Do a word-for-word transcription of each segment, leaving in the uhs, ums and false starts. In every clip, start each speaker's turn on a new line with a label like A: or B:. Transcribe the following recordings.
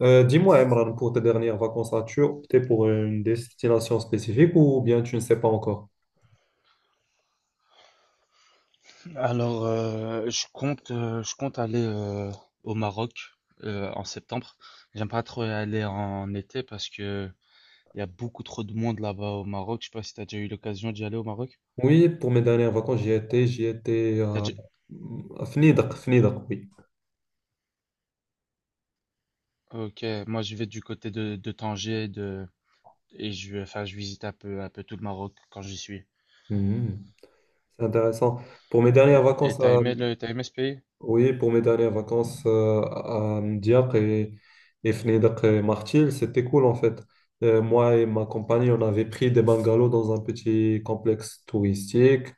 A: Euh, dis-moi, Emran, pour tes dernières vacances, as-tu opté pour une destination spécifique ou bien tu ne sais pas encore?
B: Alors, euh, je compte, euh, je compte aller euh, au Maroc euh, en septembre. J'aime pas trop y aller en été parce que il y a beaucoup trop de monde là-bas au Maroc. Je sais pas si t'as déjà eu l'occasion d'y aller au Maroc.
A: Oui, pour mes dernières vacances, j'y étais, j'y étais
B: T'as
A: à,
B: déjà-
A: à Fnidak, Fnidak, oui.
B: Ok, moi je vais du côté de, de Tanger de... et je, vais- enfin, je visite un peu, un peu tout le Maroc quand j'y suis.
A: Mhm. C'est intéressant. Pour mes dernières
B: Et
A: vacances,
B: t'as
A: à-
B: aimé le, t'as aimé ce pays?
A: Oui, pour mes dernières vacances euh, à Diak et, et Fnidak et Martil, c'était cool en fait. Euh, moi et ma compagne, on avait pris des bungalows dans un petit complexe touristique.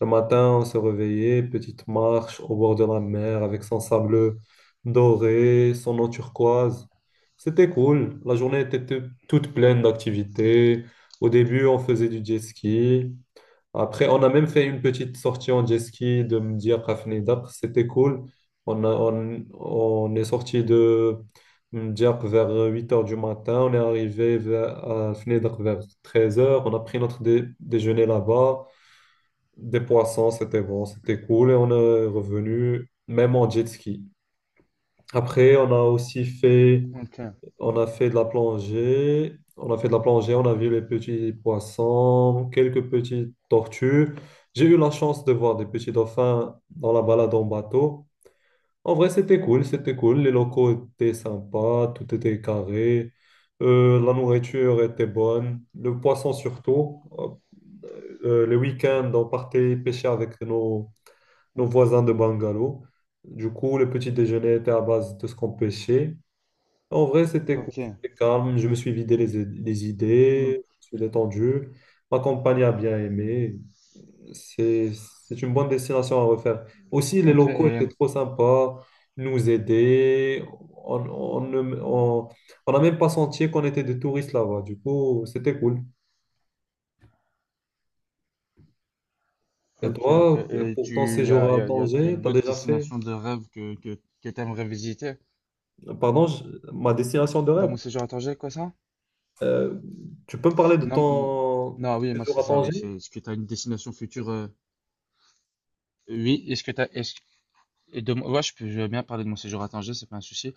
A: Le matin, on se réveillait, petite marche au bord de la mer avec son sable doré, son eau turquoise. C'était cool. La journée était tou- toute pleine d'activités. Au début, on faisait du jet ski. Après, on a même fait une petite sortie en jet ski de Mdir Kafnidar. C'était cool. On a- on, on est sorti de Mdir vers huit heures du matin. On est arrivé vers, à Fnidar vers treize heures. On a pris notre dé- déjeuner là-bas, des poissons, c'était bon, c'était cool et on est revenu même en jet ski. Après, on a aussi fait,
B: Ok.
A: on a fait de la plongée, on a fait de la plongée, on a vu les petits poissons, quelques petites tortues. J'ai eu la chance de voir des petits dauphins dans la balade en bateau. En vrai, c'était cool, c'était cool. Les locaux étaient sympas, tout était carré. Euh, la nourriture était bonne, le poisson surtout. Euh, le week-end, on partait pêcher avec nos, nos
B: Mm, mm,
A: voisins de
B: mm.
A: Bungalow. Du coup, le petit déjeuner était à base de ce qu'on pêchait. En vrai, c'était cool,
B: Ok.
A: c'était calme. Je me suis vidé les, les
B: Mm.
A: idées, je me suis détendu. Ma compagne a bien aimé. C'est, c'est une bonne destination à refaire. Aussi, les
B: Ok,
A: locaux
B: et,
A: étaient trop sympas, ils nous aidaient. On, on, ne- on, on n'a même pas senti qu'on était des touristes là-bas. Du coup, c'était cool. Et
B: ok, ok.
A: toi,
B: Et
A: pour ton
B: tu, y a,
A: séjour
B: y
A: à
B: a- y a- y a
A: Tanger,
B: une
A: t'as
B: autre
A: déjà fait,
B: destination de rêve que, que, que t'aimerais visiter?
A: pardon, je- ma destination de
B: Dans
A: rêve?
B: mon séjour à Tanger, quoi ça?
A: Euh, Tu peux me parler de
B: Non, mm,
A: ton
B: non, oui, moi
A: séjour
B: c'est
A: à
B: ça, oui. C'est,
A: Tanger?
B: est-ce que tu as une destination future? euh, Oui, est-ce que tu as. Est-ce, et de, ouais, je peux je veux bien parler de mon séjour à Tanger, c'est pas un souci.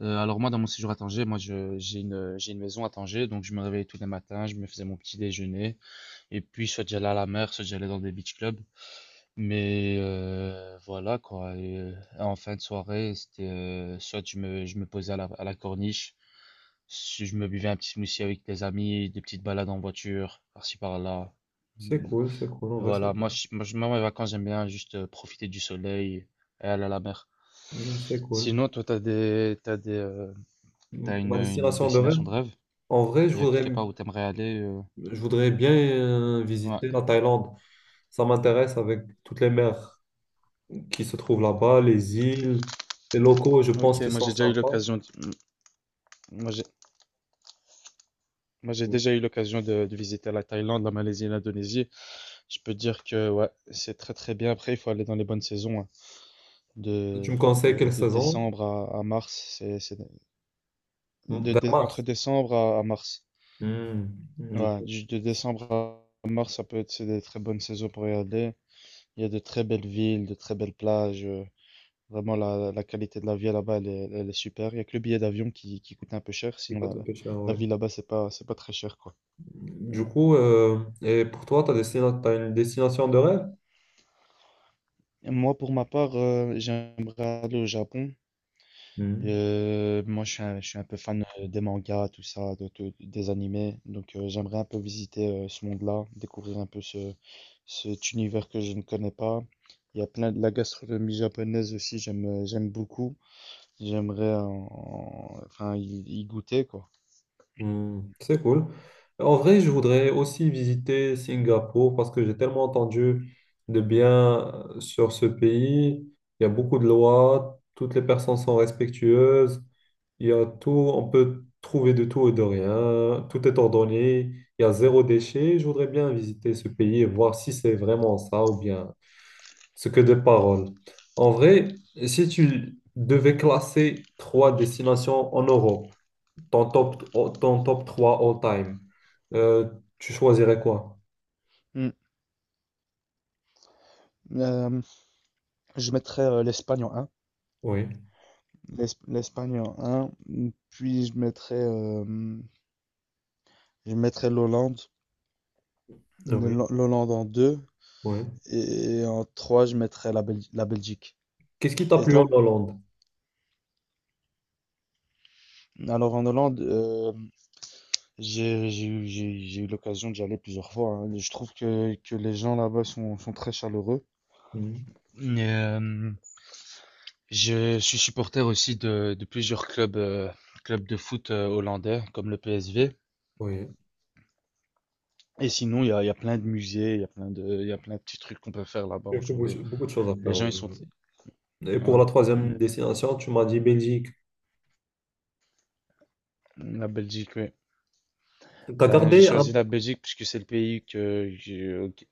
B: Euh, alors, moi, dans mon séjour à Tanger, moi je, j'ai une, j'ai une maison à Tanger, donc je me réveillais tous les matins, je me faisais mon petit déjeuner, et puis soit j'allais à la mer, soit j'allais dans des beach clubs. Mais euh, voilà quoi. Et, euh, en fin de soirée, c'était euh, soit je me, je me posais à la, à la corniche, si je me buvais un petit smoothie avec des amis, des petites balades en voiture, par-ci par-là.
A: C'est
B: Mm.
A: cool, c'est cool, en vrai,
B: Voilà,
A: c'est
B: moi,
A: cool.
B: je, moi, je- moi, mes vacances, j'aime bien juste euh, profiter du soleil et aller à la mer.
A: Mm, c'est cool.
B: Sinon, toi, t'as des, t'as des, euh,
A: Mm,
B: t'as une,
A: ma
B: une
A: destination de
B: destination
A: rêve,
B: de rêve?
A: en vrai, je
B: Il y a
A: voudrais,
B: quelque part où t'aimerais aller? Euh,
A: je voudrais bien euh,
B: ouais.
A: visiter la Thaïlande. Ça m'intéresse avec toutes les mers qui se trouvent là-bas, les îles, les locaux, je pense
B: Ok,
A: qu'ils
B: moi
A: sont
B: j'ai déjà eu
A: sympas.
B: l'occasion. de- Moi j'ai Moi, j'ai
A: Mm.
B: déjà eu l'occasion de, de visiter la Thaïlande, la Malaisie et l'Indonésie. Je peux dire que ouais, c'est très très bien. Après, il faut aller dans les bonnes saisons, hein. De,
A: Tu me conseilles
B: de,
A: quelle
B: de
A: saison?
B: décembre à, à mars, c'est, c'est-
A: Mm,
B: de,
A: vers
B: dé- entre
A: mars.
B: décembre à, à mars.
A: Mm, du
B: Ouais,
A: coup,
B: du- de décembre à mars, ça peut être c'est des très bonnes saisons pour y aller. Il y a de très belles villes, de très belles plages. euh, Vraiment, la, la qualité de la vie là-bas, elle est, elle est super. Il y a que le billet d'avion qui, qui coûte un peu cher.
A: il
B: Sinon,
A: coûte
B: la,
A: un
B: la
A: peu cher,
B: la
A: ouais.
B: vie là-bas, c'est pas, c'est pas très cher, quoi.
A: Du coup, euh, et pour toi, tu as une destination de rêve?
B: Moi, pour ma part, euh, j'aimerais aller au Japon. Euh, moi, je suis un, je suis un peu fan euh, des mangas, tout ça, de, de- des animés. Donc, euh, j'aimerais un peu visiter euh, ce monde-là, découvrir un peu ce, cet univers que je ne connais pas. Il y a plein de la gastronomie japonaise aussi, j'aime, euh, j'aime beaucoup. J'aimerais en- en- enfin, y, y goûter, quoi.
A: Hmm, c'est cool. En vrai, je voudrais aussi visiter Singapour parce que j'ai tellement entendu de bien euh, sur ce pays. Il y a beaucoup de lois, toutes les personnes sont respectueuses, il y a tout, on peut trouver de tout et de rien, tout est ordonné, il y a zéro déchet. Je voudrais bien visiter ce pays et voir si c'est vraiment ça ou bien ce que des paroles. En vrai, si tu devais classer trois destinations en Europe, ton top, oh, ton top trois all-time, euh, tu choisirais quoi?
B: Hmm. Euh, je mettrais euh, l'Espagne en un.
A: Oui,
B: L'Espagne en un. Puis, je mettrais, euh, je mettrais l'Hollande.
A: ah oui,
B: Le- L'Hollande en deux,
A: oui.
B: et en trois, je mettrais la, Bel- la Belgique.
A: Qu'est-ce qui t'a
B: Et
A: plu en
B: toi?
A: Hollande?
B: Alors en Hollande, euh, j'ai j'ai eu j'ai- j'ai eu l'occasion d'y aller plusieurs fois, hein. Je trouve que, que les gens là-bas sont, sont très chaleureux.
A: Mhm.
B: Mais, euh, je suis supporter aussi de, de plusieurs clubs, euh, clubs de foot euh, hollandais, comme le P S V.
A: Oui,
B: Et sinon, il y a, il y a plein de musées, il y a plein de, il y a plein de petits trucs qu'on peut faire là-bas
A: il y
B: en
A: a que beaucoup
B: journée.
A: beaucoup de choses à
B: Les
A: faire,
B: gens, ils sont...
A: oui. Et pour la
B: Ouais. Mm.
A: troisième destination, tu m'as dit Belgique.
B: La Belgique, oui.
A: T'as
B: Ben, j'ai
A: gardé
B: choisi
A: un...
B: la Belgique puisque c'est le pays que, que- que-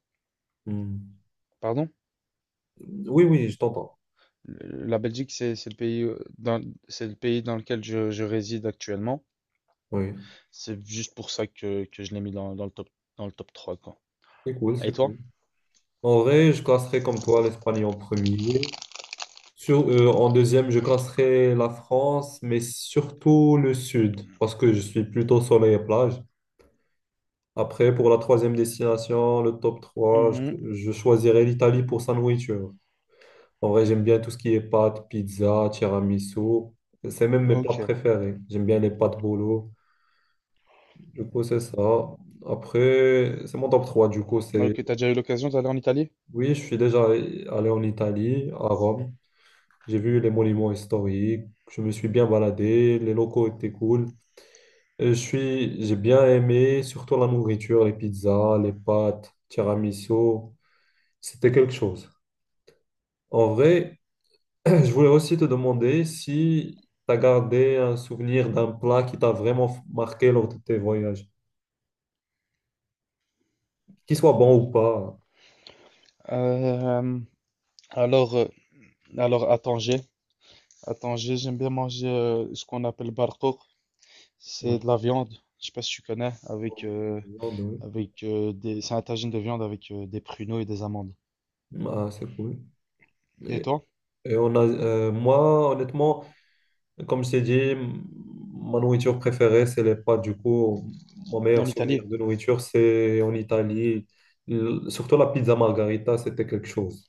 A: Mhm.
B: pardon?
A: Oui, oui, je t'entends.
B: Le- La Belgique, c'est c'est le pays euh, dans c'est le pays dans lequel je, je réside actuellement.
A: Oui,
B: C'est juste pour ça que, que je l'ai mis dans, dans le top dans le top trois quoi.
A: c'est cool,
B: Et
A: c'est
B: toi?
A: cool. En vrai, je classerais comme toi l'Espagne en premier. Sur, euh, en deuxième, je classerais la France, mais surtout le sud, parce que je suis plutôt soleil et plage. Après, pour la troisième destination, le top trois
B: Mhm.
A: je, je choisirais l'Italie pour sa nourriture. En vrai, j'aime bien tout ce qui est pâtes, pizza, tiramisu. C'est même mes plats
B: Ok.
A: préférés. J'aime bien les pâtes bolo. Du coup, c'est ça. Après, c'est mon top trois. Du coup, c'est...
B: Ok, t'as déjà eu l'occasion d'aller en Italie?
A: Oui, je suis déjà allé en Italie, à Rome. J'ai vu les monuments historiques. Je me suis bien baladé. Les locaux étaient cool. Et je suis... J'ai bien aimé, surtout la nourriture, les pizzas, les pâtes, tiramisu. C'était quelque chose. En vrai, je voulais aussi te demander si tu as gardé un souvenir d'un plat qui t'a vraiment f- marqué lors de tes voyages, qu'il soit bon ou pas.
B: Euh, alors, euh, alors à Tanger, à Tanger, j'aime bien manger euh, ce qu'on appelle barcoq. C'est
A: Ouais.
B: de la viande. Je sais pas si tu connais, avec euh,
A: Viande, oui.
B: avec euh, des, c'est un tagine de viande avec euh, des pruneaux et des amandes.
A: Ah, c'est cool.
B: Et
A: Et,
B: toi?
A: et on a, euh, moi, honnêtement, comme je t'ai dit, m- ma nourriture préférée, c'est les pâtes. Du coup, mon meilleur
B: En
A: souvenir
B: Italie?
A: de nourriture, c'est en Italie. L- surtout la pizza margarita, c'était quelque chose.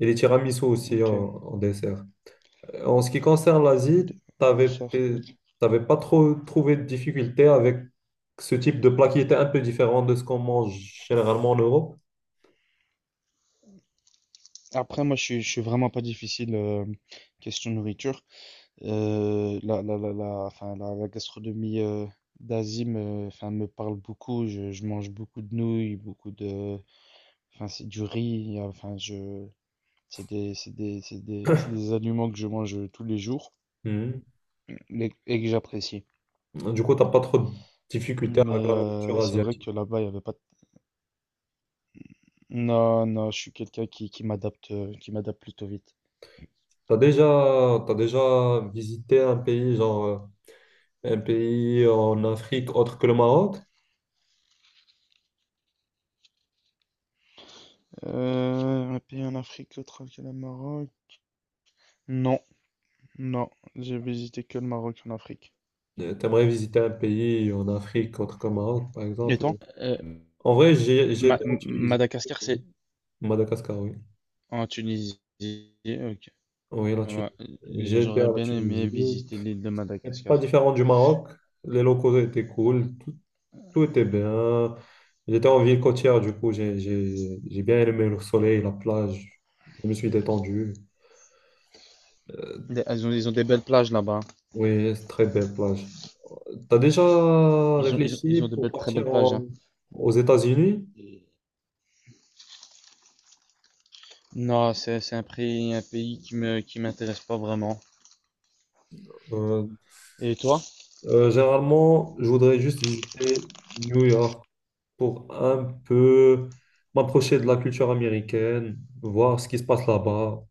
A: Et les tiramisu aussi en
B: Ok.
A: en dessert. En ce qui concerne l'Asie,
B: D- ouais,
A: t'avais,
B: ça,
A: t'es-
B: ok.
A: t'avais pas trop trouvé de difficultés avec ce type de plat qui était un peu différent de ce qu'on mange généralement en Europe.
B: Après, moi, je suis, je suis vraiment pas difficile euh, question nourriture. Euh, la, la, la, la, enfin, la, la gastronomie euh, d'Asie me, enfin, me parle beaucoup. Je, je mange beaucoup de nouilles, beaucoup de, enfin, c'est du riz. Il y a- Enfin, je, c'est des, c'est des, c'est des, c'est des aliments que je mange tous les jours et, et que j'apprécie.
A: Mhm. Du coup, t'as pas trop de difficultés avec
B: Mais
A: la nourriture
B: euh, c'est vrai
A: asiatique.
B: que là-bas, il y avait pas. Non, non, je suis quelqu'un qui, qui m'adapte, euh, qui m'adapte plutôt vite.
A: T'as déjà, t'as déjà visité un pays, genre euh, un pays en Afrique autre que le Maroc?
B: Euh, un pays en Afrique, l'autre que le Maroc. Non, non, j'ai visité que le Maroc en Afrique.
A: Euh, T'aimerais visiter un pays en Afrique autre que le Maroc, par
B: Et
A: exemple?
B: toi? Euh,
A: En vrai, j'ai j'ai
B: Ma-
A: été en
B: M-
A: Tunisie,
B: Madagascar, c'est
A: Madagascar, oui.
B: en Tunisie. Ok.
A: Oui, la
B: Ouais.
A: Tunisie. J'ai été
B: J'aurais
A: à la
B: bien aimé
A: Tunisie.
B: visiter l'île de
A: Et pas
B: Madagascar.
A: différent du Maroc. Les locaux étaient cool. Tout, tout était bien. J'étais en ville côtière, du coup, j'ai, j'ai, j'ai bien aimé le soleil, la plage. Je me suis détendu.
B: Des- ah, Ils ont, ils ont des belles plages là-bas, hein.
A: Oui, c'est très belle plage. T'as déjà
B: Ils ont, ils ont,
A: réfléchi
B: ils ont de
A: pour
B: belles, très belles
A: partir
B: plages,
A: en-
B: hein.
A: aux États-Unis?
B: Non, c'est, c'est un pays, un pays qui me, qui m'intéresse pas vraiment.
A: Euh,
B: Et toi?
A: euh, généralement, je voudrais juste visiter New York pour un peu m'approcher de la culture américaine, voir ce qui se passe là-bas.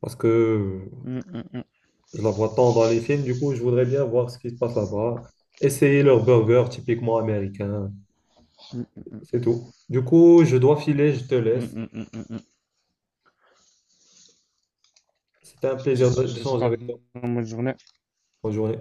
A: Parce que
B: Mm, mm, mm,
A: je la vois tant dans les films, du coup, je voudrais bien voir ce qui se passe là-bas. Essayer leur burger typiquement américain, c'est tout. Du coup, je dois filer, je te
B: mm,
A: laisse.
B: mm, mm, mm, mm.
A: C'était un
B: Je te
A: plaisir
B: je te souhaite
A: d'échanger avec toi.
B: une bonne journée.
A: Bonne journée.